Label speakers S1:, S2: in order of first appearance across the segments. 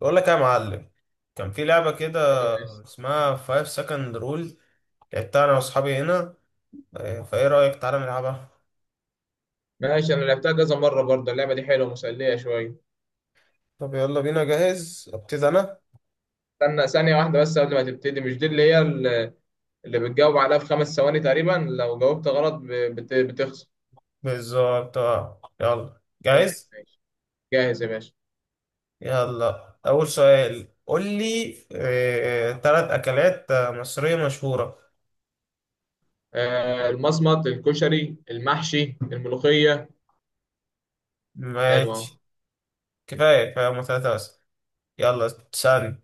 S1: بقول لك إيه يا معلم. كان في لعبة كده
S2: ماشي،
S1: اسمها 5 second rule. لعبتها انا واصحابي هنا. فايه رأيك تعالى نلعبها؟
S2: ماشي. انا لعبتها كذا مره برضه. اللعبه دي حلوه مسليه شويه.
S1: طب يلا بينا، جاهز ابتدي انا.
S2: استنى ثانيه واحده بس قبل ما تبتدي. مش دي اللي هي اللي بتجاوب عليها في 5 ثواني تقريبا؟ لو جاوبت غلط بتخسر.
S1: بالظبط آه. يلا
S2: طيب.
S1: جاهز.
S2: ماشي. جاهز يا باشا.
S1: يلا اول سؤال، قول لي تلات اكلات مصرية مشهورة.
S2: آه، المصمت، الكشري، المحشي، الملوخيه. حلوه أهو.
S1: ماشي. كفاية كفاية، هما تلاتة بس. يلا تسألني.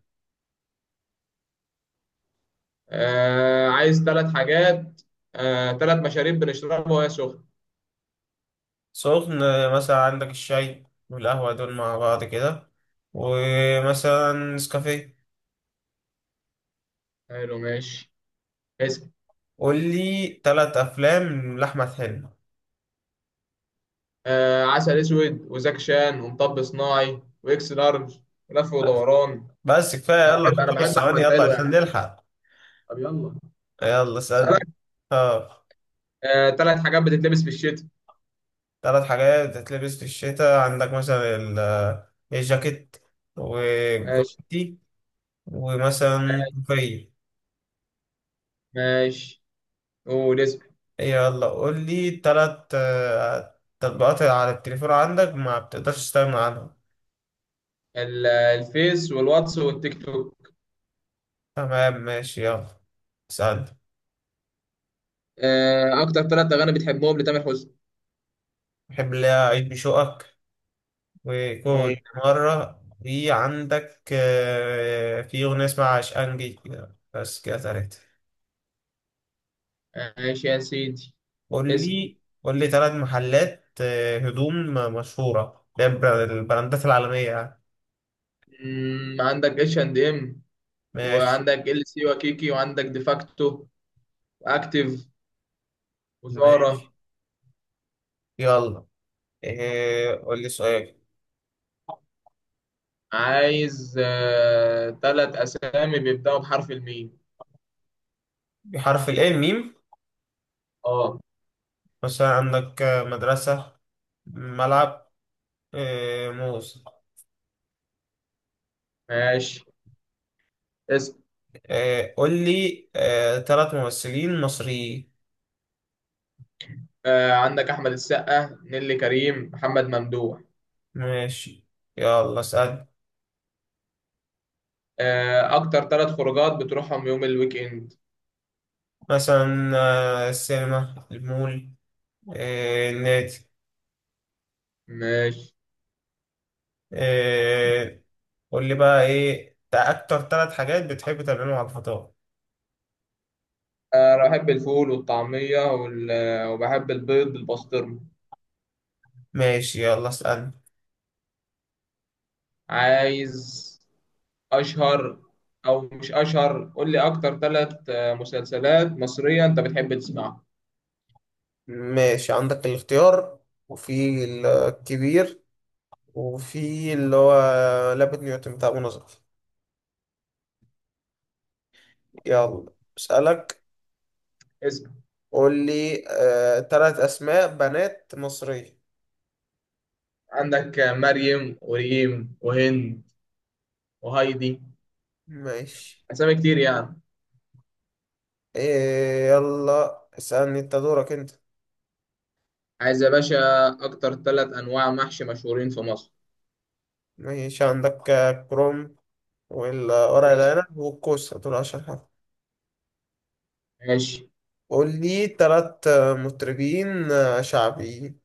S2: آه، عايز ثلاث حاجات. آه، ثلاث مشاريب بنشربها وهي سخنه.
S1: سخن مثلا عندك الشاي والقهوة دول مع بعض كده، ومثلا نسكافيه.
S2: حلو. ماشي. اسم.
S1: قول لي ثلاث افلام لاحمد حلمي.
S2: آه، عسل اسود وزاكشان ومطب صناعي واكس لارج ولف ودوران.
S1: بس كفايه
S2: انا
S1: يلا.
S2: بحب انا
S1: خمس
S2: بحب
S1: ثواني
S2: احمد،
S1: يلا
S2: حلو
S1: عشان
S2: يعني.
S1: نلحق.
S2: طب يلا.
S1: يلا اسالني.
S2: اسالك
S1: اه.
S2: آه، ثلاث حاجات بتتلبس في الشتاء؟
S1: ثلاث حاجات بتتلبس في الشتاء، عندك مثلا الجاكيت
S2: ماشي.
S1: وجوتي، ومثلا كوفية.
S2: ماشي. قول اسم.
S1: يلا قول لي ثلاث تطبيقات على التليفون عندك ما بتقدرش تستغنى عنهم.
S2: الفيس والواتس والتيك توك.
S1: تمام، ماشي، يلا اسألني.
S2: آه، اكتر ثلاث اغاني بتحبهم لتامر حسني؟
S1: بحب اللي هي عيد بشوقك، وكنت
S2: ايوه.
S1: مرة في عندك في أغنية اسمها عشقنجي كده، بس كده تلاتة.
S2: ماشي يا سيدي.
S1: قول
S2: اسم.
S1: لي قول لي تلات محلات هدوم مشهورة، ده البراندات العالمية يعني.
S2: عندك اتش اند ام
S1: ماشي
S2: وعندك ال سي وكيكي وعندك ديفاكتو واكتيف وزارة.
S1: ماشي. يلا قول لي سؤال.
S2: عايز ثلاث اسامي بيبداوا بحرف الميم.
S1: بحرف ال ميم.
S2: اه.
S1: مثلا عندك مدرسة، ملعب، موز.
S2: ماشي. اسم.
S1: قول لي تلات ممثلين مصريين.
S2: آه، عندك أحمد السقا، نيللي كريم، محمد ممدوح.
S1: ماشي يلا اسأل.
S2: آه، أكتر ثلاث خروجات بتروحهم يوم الويك إند؟
S1: مثلا السينما، المول، النادي.
S2: ماشي.
S1: آه، قول لي بقى ايه اكتر ثلاث حاجات بتحب تعملهم على الفطار.
S2: آه، أنا بحب الفول والطعمية وال... آه، وبحب البيض بالبسطرمة.
S1: ماشي يلا اسأل.
S2: عايز أشهر، أو مش أشهر، قول لي أكتر ثلاث مسلسلات مصرية أنت بتحب تسمعها.
S1: ماشي، عندك الاختيار، وفي الكبير، وفي اللي هو لابد نيوتن بتاع منى زكي. يلا اسألك.
S2: اسم.
S1: قول لي تلات اسماء بنات مصرية.
S2: عندك آه، مريم وريم وهند وهايدي.
S1: ماشي.
S2: أسامي كتير يعني.
S1: إيه يلا اسألني، انت دورك انت.
S2: عايز يا باشا أكتر ثلاث أنواع محشي مشهورين في مصر
S1: ماشي، عندك كروم، والورق
S2: ماشي.
S1: العنب، والكوسة، دول أشهر حاجة.
S2: ماشي.
S1: قول لي تلات مطربين شعبيين.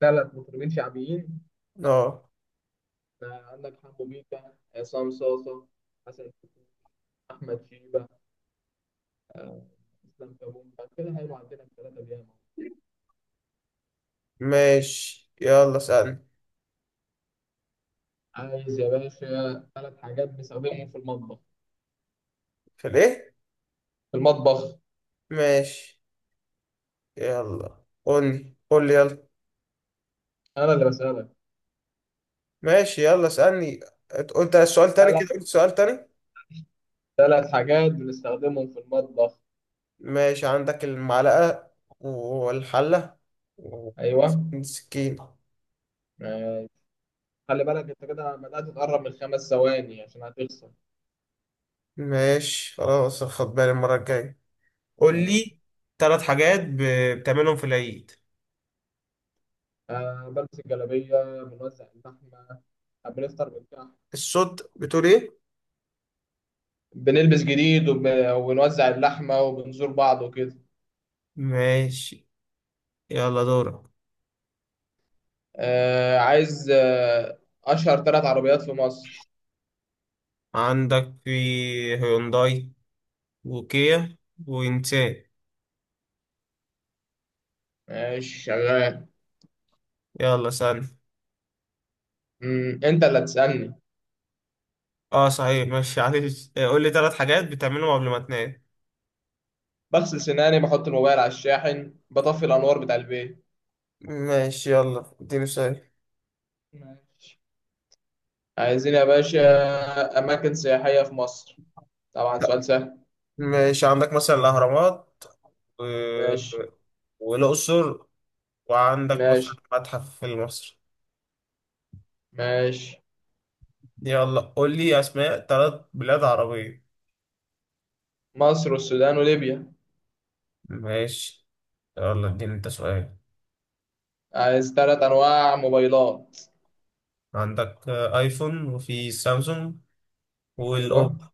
S2: ثلاث مطربين شعبيين.
S1: اه.
S2: آه، عندك حمو بيكا، عصام صاصة، حسن شاكوش، أحمد شيبة، آه، إسلام كابونجا، كده هيبقى عندنا الثلاثة دي.
S1: ماشي يلا اسألني.
S2: عايز يا باشا ثلاث حاجات بنستخدمهم في المطبخ.
S1: في الإيه؟
S2: في المطبخ.
S1: ماشي يلا، قولي قولي يلا.
S2: أنا اللي بسألك.
S1: ماشي يلا اسألني. قلت السؤال تاني
S2: ثلاث
S1: كده، قلت سؤال تاني.
S2: ثلاث حاجات بنستخدمهم في المطبخ.
S1: ماشي، عندك المعلقة، والحلة،
S2: أيوه.
S1: والسكينة.
S2: آه، خلي بالك أنت كده بدأت تقرب من 5 ثواني عشان هتخسر.
S1: ماشي خلاص، خد بالي المرة الجاية. قول
S2: مم.
S1: لي تلات حاجات بتعملهم في العيد.
S2: آه، بلبس الجلابية، بنوزع اللحمة، آه، بنفطر بالكحك.
S1: الصوت بتقول ايه؟
S2: بنلبس جديد وبنوزع اللحمة وبنزور بعض وكده.
S1: ماشي يلا دورك.
S2: عايز أشهر ثلاث عربيات في مصر.
S1: عندك في هيونداي، وكيا، ونسان.
S2: ماشي شغال.
S1: يلا سن.
S2: أنت اللي هتسألني.
S1: اه صحيح، ماشي معلش، قول لي ثلاث حاجات بتعملهم قبل ما تنام.
S2: بغسل سناني، بحط الموبايل على الشاحن، بطفي الأنوار بتاع البيت.
S1: ماشي يلا اديني سؤال.
S2: ماشي. عايزين يا باشا أماكن سياحية في مصر، طبعا
S1: لا.
S2: سؤال سهل.
S1: ماشي، عندك مثلا الأهرامات، و
S2: ماشي.
S1: والأقصر، وعندك مثلا
S2: ماشي.
S1: المتحف المصري.
S2: ماشي.
S1: يلا قول لي أسماء ثلاث بلاد عربية.
S2: مصر والسودان وليبيا.
S1: ماشي يلا اديني انت سؤال.
S2: عايز ثلاث أنواع موبايلات.
S1: عندك ايفون، وفي سامسونج،
S2: أيوه.
S1: والأوبو.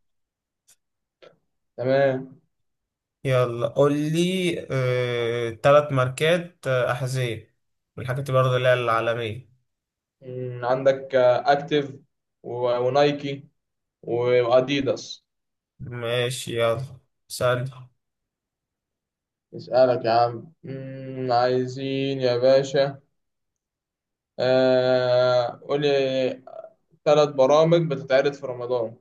S2: تمام.
S1: يلا قول لي ثلاث ماركات أحذية، من الحاجات برضه اللي هي العالمية.
S2: عندك اكتيف ونايكي واديداس.
S1: ماشي يلا سأل.
S2: اسألك يا عم. عايزين يا باشا، قولي ثلاث برامج بتتعرض في رمضان.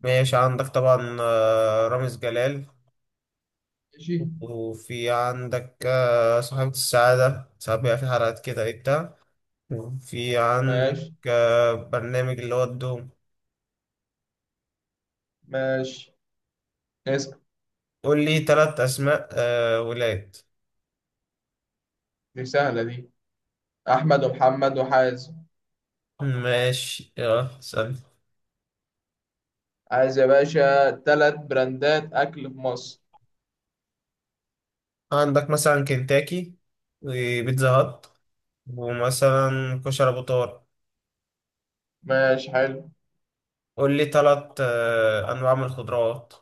S1: ماشي عندك طبعا رامز جلال،
S2: ماشي.
S1: وفي عندك صاحبة السعادة، ساعات بيبقى في حلقات كده ايه بتاع، وفي عندك
S2: ماشي.
S1: برنامج اللي هو الدوم.
S2: ماشي. اسأل.
S1: قول لي ثلاث أسماء ولاد.
S2: دي سهلة دي. أحمد ومحمد وحازم.
S1: ماشي يلا سأل.
S2: عايز يا باشا ثلاث براندات أكل في مصر.
S1: عندك مثلا كنتاكي، وبيتزا هات، ومثلا كشري أبو طارق.
S2: ماشي حلو.
S1: قول لي تلات أنواع من الخضروات.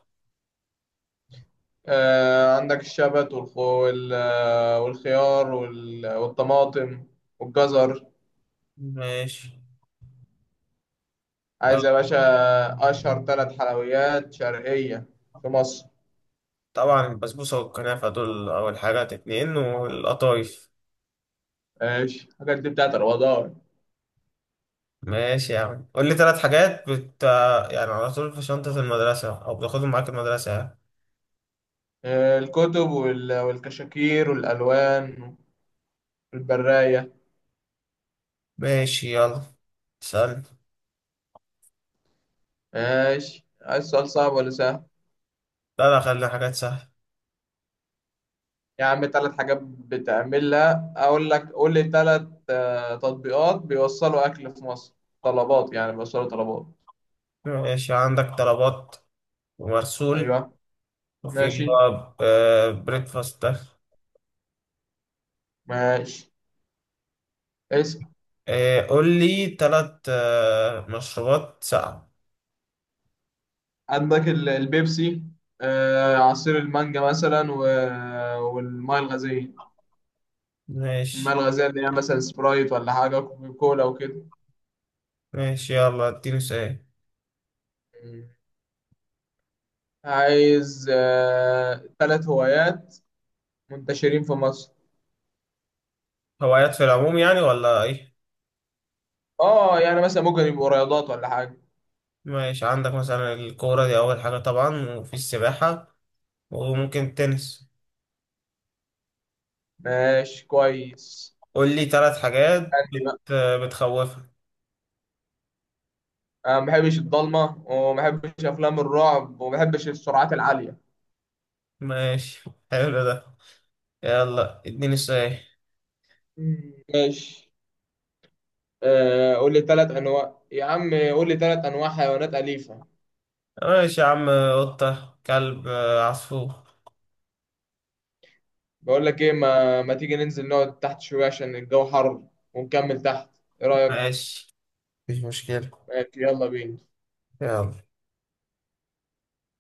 S2: آه، عندك الشبت والخيار والطماطم والجزر.
S1: ماشي. آه،
S2: عايز يا باشا أشهر ثلاث حلويات شرقية في مصر.
S1: طبعا البسبوسة والكنافة، دول أول حاجات اتنين، والقطايف.
S2: ماشي، الحاجات دي بتاعت رمضان.
S1: ماشي يا عم، قول لي تلات حاجات بت آه، يعني على طول في شنطة المدرسة أو بتاخدهم معاك المدرسة يعني.
S2: آه، الكتب والكشاكير والألوان والبراية.
S1: ماشي يلا سأل.
S2: ماشي. عايز سؤال صعب ولا سهل؟
S1: لا لا، خلينا حاجات سهلة.
S2: يا عم، ثلاث حاجات بتعملها، أقول لك، قول لي ثلاث تطبيقات بيوصلوا أكل في مصر. طلبات يعني، بيوصلوا طلبات.
S1: ماشي عندك طلبات، ومرسول،
S2: أيوه.
S1: وفي اللي
S2: ماشي.
S1: هو بريكفاست ده.
S2: ماشي. اسأل.
S1: قول لي تلات مشروبات ساقعة.
S2: عندك البيبسي، آه، عصير المانجا مثلا والمية الغازية. المية
S1: ماشي.
S2: الغازية اللي هي مثلا سبرايت ولا حاجة، كوكا كولا وكده.
S1: ماشي يلا اديني سؤال.
S2: مم. عايز تلات هوايات منتشرين في مصر.
S1: هوايات في العموم يعني ولا ايه؟
S2: اه يعني مثلا ممكن يبقوا رياضات ولا حاجة.
S1: ماشي، عندك مثلا الكورة، دي أول حاجة طبعا، وفي السباحة، وممكن التنس.
S2: ماشي كويس.
S1: قول لي ثلاث حاجات
S2: عندي بقى.
S1: بتخوفك.
S2: أنا ما بحبش الضلمة، وما بحبش أفلام الرعب، وما بحبش السرعات العالية.
S1: ماشي حلو ده. يلا اديني سؤال.
S2: مم. ماشي. آه، قول لي تلات أنواع، يا عم قول لي تلات أنواع حيوانات أليفة.
S1: ماشي يا عم. قطة، كلب، عصفور.
S2: بقول لك ايه، ما تيجي ننزل نقعد تحت شوية عشان الجو حر ونكمل تحت، ايه رأيك؟
S1: ماشي مفيش مشكلة.
S2: ماشي يلا بينا.
S1: يلا.